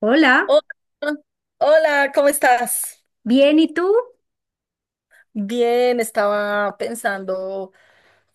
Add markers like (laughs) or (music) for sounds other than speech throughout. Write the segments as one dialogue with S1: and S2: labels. S1: Hola,
S2: Hola, hola, ¿cómo estás?
S1: ¿bien y tú?
S2: Bien, estaba pensando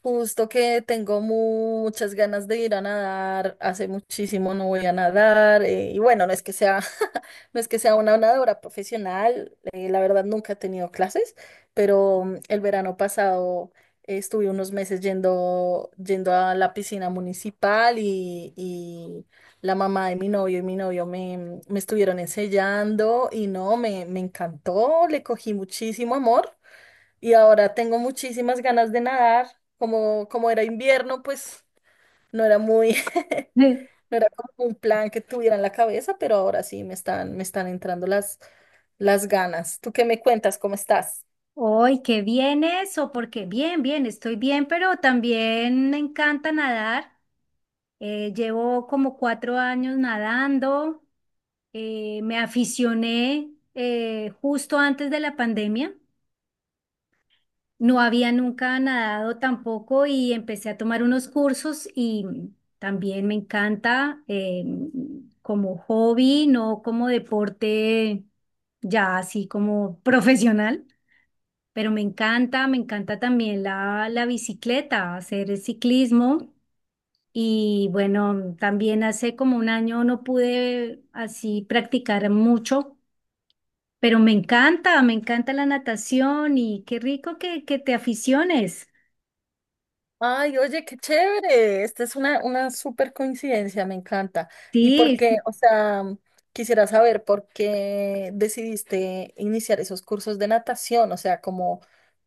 S2: justo que tengo muchas ganas de ir a nadar, hace muchísimo no voy a nadar, y bueno, no es que sea, (laughs) no es que sea una nadadora profesional, la verdad nunca he tenido clases, pero el verano pasado estuve unos meses yendo, a la piscina municipal y la mamá de mi novio y mi novio me, me estuvieron enseñando y no, me encantó, le cogí muchísimo amor y ahora tengo muchísimas ganas de nadar. Como era invierno, pues no era muy, (laughs)
S1: Sí.
S2: no era como un plan que tuviera en la cabeza, pero ahora sí me están entrando las ganas. ¿Tú qué me cuentas? ¿Cómo estás?
S1: Hoy, qué bien eso, porque bien, bien, estoy bien, pero también me encanta nadar. Llevo como 4 años nadando. Me aficioné justo antes de la pandemia. No había nunca nadado tampoco y empecé a tomar unos cursos y también me encanta como hobby, no como deporte ya así como (laughs) profesional. Pero me encanta también la bicicleta, hacer el ciclismo. Y bueno, también hace como un año no pude así practicar mucho, pero me encanta la natación y qué rico que te aficiones.
S2: Ay, oye, qué chévere. Esta es una súper coincidencia, me encanta. ¿Y por
S1: Sí, sí,
S2: qué?
S1: sí.
S2: O sea, quisiera saber por qué decidiste iniciar esos cursos de natación, o sea, como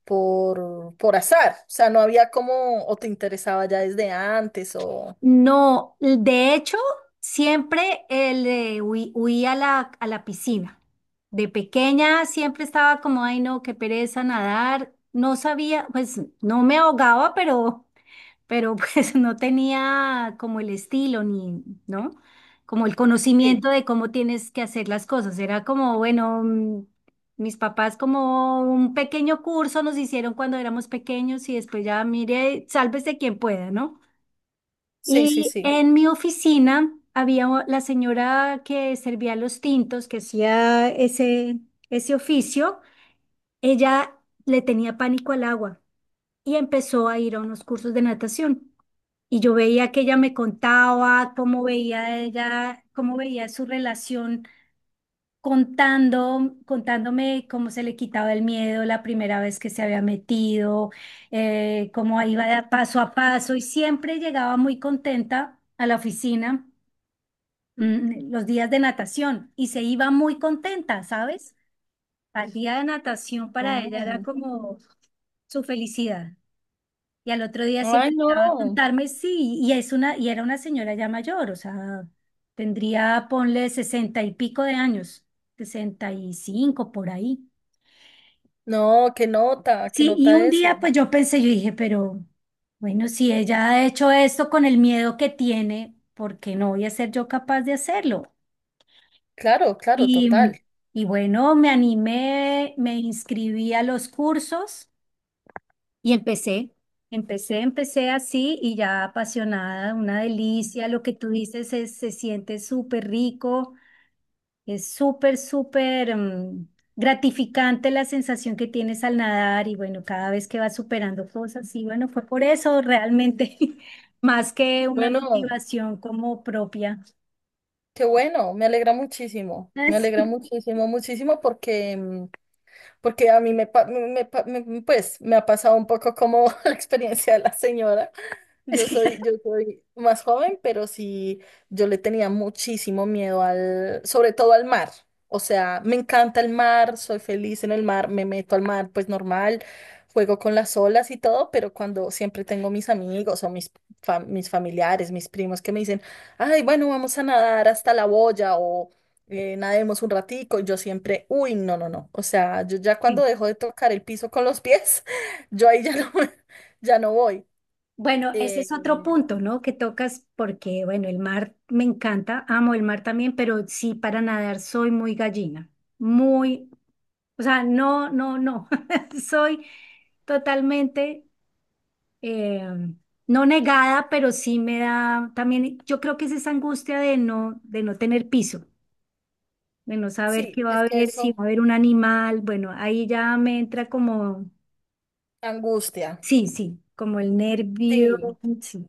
S2: por azar. O sea, no había como, o te interesaba ya desde antes, o...
S1: No, de hecho, siempre le huí a la piscina. De pequeña siempre estaba como, ay no, qué pereza nadar. No sabía, pues no me ahogaba, pero pues (laughs) no tenía como el estilo ni, ¿no? Como el
S2: Sí,
S1: conocimiento de cómo tienes que hacer las cosas. Era como, bueno, mis papás como un pequeño curso nos hicieron cuando éramos pequeños y después ya mire, sálvese quien pueda, ¿no?
S2: sí, sí,
S1: Y
S2: sí.
S1: en mi oficina había la señora que servía los tintos, que hacía ese oficio, ella le tenía pánico al agua y empezó a ir a unos cursos de natación. Y yo veía que ella me contaba cómo veía ella, cómo veía su relación contándome cómo se le quitaba el miedo la primera vez que se había metido, cómo iba de paso a paso y siempre llegaba muy contenta a la oficina, los días de natación y se iba muy contenta, ¿sabes? Al día de natación para ella era
S2: Wow.
S1: como su felicidad. Y al otro día
S2: Ay,
S1: siempre llegaba a
S2: no.
S1: contarme, sí, y era una señora ya mayor, o sea, tendría, ponle sesenta y pico de años, 65 por ahí.
S2: No, qué
S1: Sí, y
S2: nota
S1: un día
S2: eso.
S1: pues yo pensé, yo dije, pero bueno, si ella ha hecho esto con el miedo que tiene, ¿por qué no voy a ser yo capaz de hacerlo?
S2: Claro, claro,
S1: Y,
S2: total.
S1: y bueno, me animé, me inscribí a los cursos. Y empecé. Empecé así y ya apasionada, una delicia. Lo que tú dices es, se siente súper rico, es súper, súper gratificante la sensación que tienes al nadar y bueno, cada vez que vas superando cosas y bueno, fue por eso realmente, (laughs) más que una
S2: Bueno.
S1: motivación como propia.
S2: Qué bueno, me alegra muchísimo, muchísimo porque, mm, porque a mí me, pa- me, pa- me- pues, me ha pasado un poco como (laughs) la experiencia de la señora.
S1: (laughs)
S2: Yo soy más joven, pero sí, yo le tenía muchísimo miedo al, sobre todo al mar. O sea, me encanta el mar, soy feliz en el mar, me meto al mar, pues normal, juego con las olas y todo, pero cuando siempre tengo mis amigos o mis, mis familiares, mis primos que me dicen, ay, bueno, vamos a nadar hasta la boya o nademos un ratico, y yo siempre, uy, no, no, no. O sea, yo ya cuando
S1: Sí. (laughs)
S2: dejo de tocar el piso con los pies, (laughs) yo ahí ya no, (laughs) ya no voy.
S1: Bueno, ese es
S2: Eh,
S1: otro punto, ¿no? Que tocas porque, bueno, el mar me encanta, amo el mar también, pero sí para nadar soy muy gallina, muy, o sea, no, no, no, (laughs) soy totalmente, eh, no negada, pero sí me da también, yo creo que es esa angustia de no tener piso, de no saber
S2: Sí,
S1: qué va a
S2: es que
S1: haber, si
S2: eso
S1: va a haber un animal, bueno, ahí ya me entra como,
S2: angustia.
S1: sí, sí, como el nervio,
S2: Sí,
S1: sí,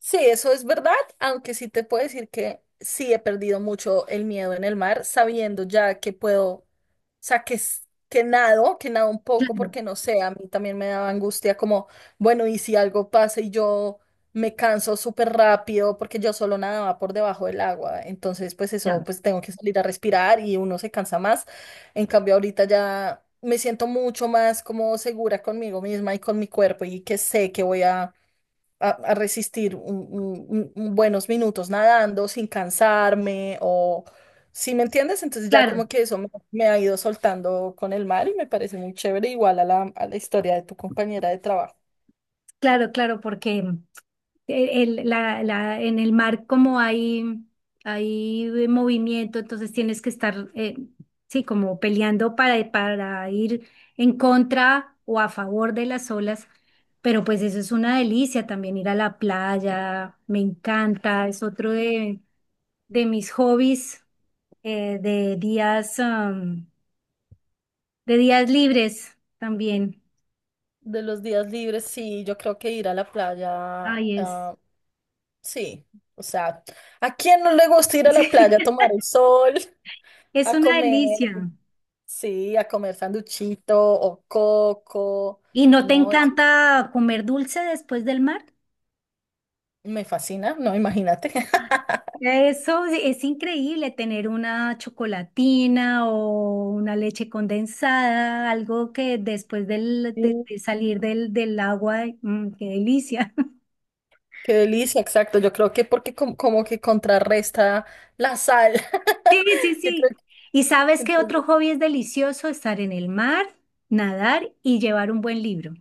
S2: sí, eso es verdad, aunque sí te puedo decir que sí he perdido mucho el miedo en el mar, sabiendo ya que puedo, o sea, que nado un poco,
S1: claro,
S2: porque no sé, a mí también me daba angustia como, bueno, y si algo pasa y yo me canso súper rápido, porque yo solo nadaba por debajo del agua, entonces pues eso,
S1: claro,
S2: pues tengo que salir a respirar y uno se cansa más. En cambio, ahorita ya me siento mucho más como segura conmigo misma y con mi cuerpo y que sé que voy a a resistir buenos minutos nadando sin cansarme o si me entiendes, entonces ya como
S1: claro.
S2: que eso me, me ha ido soltando con el mar y me parece muy chévere, igual a a la historia de tu compañera de trabajo.
S1: Claro, claro, porque en el mar como hay movimiento, entonces tienes que estar, sí, como peleando para ir en contra o a favor de las olas, pero pues eso es una delicia también ir a la playa, me encanta, es otro de mis hobbies, eh, de días, am, de días libres también.
S2: De los días libres, sí, yo creo que ir a la playa,
S1: Ay,
S2: ah, sí, o sea, ¿a quién no le gusta ir a la playa a tomar
S1: (laughs)
S2: el sol,
S1: es
S2: a
S1: una
S2: comer,
S1: delicia.
S2: sí, a comer sanduchito o coco?
S1: ¿Y no te
S2: No, eso es-
S1: encanta comer dulce después del mar?
S2: me fascina, no, imagínate. (laughs)
S1: Eso es increíble, tener una chocolatina o una leche condensada, algo que después del, de,
S2: Sí.
S1: de salir del agua, qué delicia. (laughs)
S2: Qué delicia, exacto. Yo creo que porque como que contrarresta la sal.
S1: Sí, sí,
S2: (laughs) Yo creo
S1: sí.
S2: que
S1: ¿Y sabes qué
S2: entonces,
S1: otro hobby es delicioso? Estar en el mar, nadar y llevar un buen libro.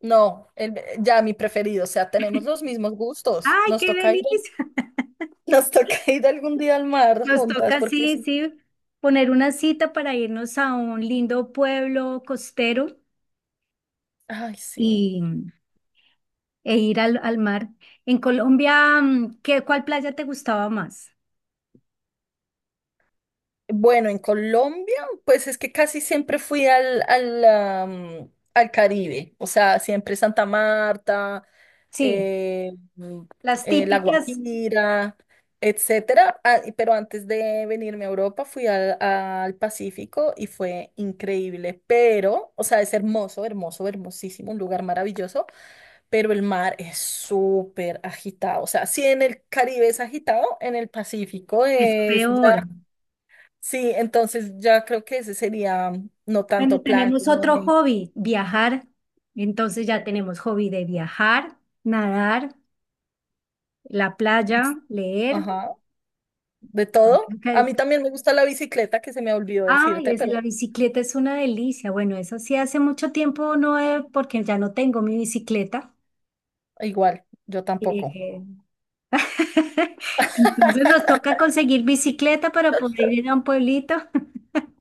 S2: no, el- ya mi preferido. O sea, tenemos los mismos gustos.
S1: ¡Ay,
S2: Nos
S1: qué
S2: toca ir,
S1: delicia!
S2: (laughs) nos toca ir algún día al
S1: (laughs)
S2: mar
S1: Nos
S2: juntas,
S1: toca,
S2: porque
S1: sí,
S2: sí.
S1: sí, poner una cita para irnos a un lindo pueblo costero
S2: Ay, sí.
S1: y, e ir al mar. En Colombia, ¿cuál playa te gustaba más?
S2: Bueno, en Colombia, pues es que casi siempre fui al Caribe. O sea, siempre Santa Marta.
S1: Sí,
S2: eh, mm,
S1: las
S2: La
S1: típicas
S2: Guajira, etcétera. Ah, pero antes de venirme a Europa fui al Pacífico y fue increíble. Pero, o sea, es hermoso, hermoso, hermosísimo, un lugar maravilloso, pero el mar es súper agitado. O sea, si en el Caribe es agitado, en el Pacífico
S1: es
S2: es ya,
S1: peor.
S2: sí, entonces ya creo que ese sería mm, no
S1: Bueno,
S2: tanto plan
S1: tenemos
S2: como
S1: otro
S2: de,
S1: hobby, viajar. Entonces ya tenemos hobby de viajar, nadar, la playa,
S2: ex-
S1: leer.
S2: ajá, de
S1: Bueno,
S2: todo.
S1: creo
S2: A
S1: que-
S2: mí también me gusta la bicicleta, que se me olvidó
S1: Ay,
S2: decirte, pero
S1: la bicicleta es una delicia. Bueno, eso sí hace mucho tiempo no, porque ya no tengo mi bicicleta.
S2: igual, yo tampoco.
S1: Eh, (laughs) Entonces nos toca conseguir bicicleta para poder ir a un pueblito.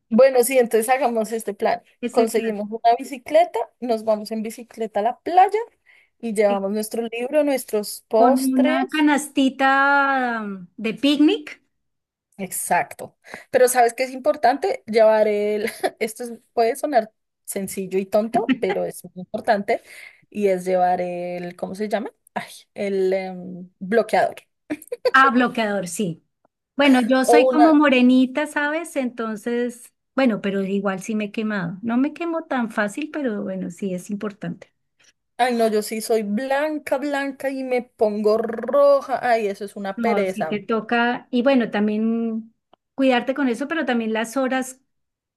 S2: Bueno, sí, entonces hagamos este plan.
S1: Ese plan,
S2: Conseguimos una bicicleta, nos vamos en bicicleta a la playa y
S1: sí.
S2: llevamos nuestro libro, nuestros
S1: Con
S2: postres.
S1: una canastita de picnic.
S2: Exacto. Pero ¿sabes qué es importante? Llevar el... (laughs) esto es- puede sonar sencillo y tonto, pero es muy importante. Y es llevar el... ¿Cómo se llama? Ay, bloqueador.
S1: Ah, bloqueador, sí. Bueno, yo soy
S2: O
S1: como
S2: una...
S1: morenita, ¿sabes? Entonces, bueno, pero igual sí me he quemado. No me quemo tan fácil, pero bueno, sí es importante.
S2: Ay, no, yo sí soy blanca, blanca y me pongo roja. Ay, eso es una
S1: No, sí te
S2: pereza.
S1: toca. Y bueno, también cuidarte con eso, pero también las horas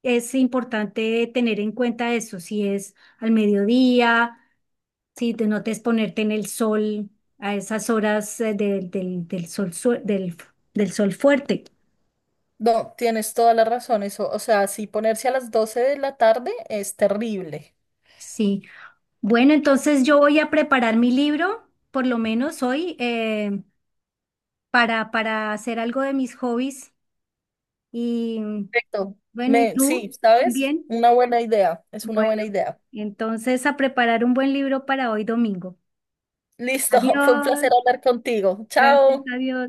S1: es importante tener en cuenta eso. Si es al mediodía. Sí, te notes ponerte en el sol a esas horas del sol, del sol fuerte.
S2: No, tienes toda la razón, eso, o sea, si ponerse a las 12 de la tarde es terrible.
S1: Sí. Bueno, entonces yo voy a preparar mi libro, por lo menos hoy, para hacer algo de mis hobbies. Y
S2: Perfecto.
S1: bueno, ¿y
S2: Me, sí,
S1: tú
S2: ¿sabes?
S1: también?
S2: Una buena idea, es una
S1: Bueno,
S2: buena idea.
S1: entonces a preparar un buen libro para hoy domingo.
S2: Listo, (laughs) fue un
S1: Adiós.
S2: placer hablar contigo.
S1: Gracias,
S2: Chao.
S1: adiós.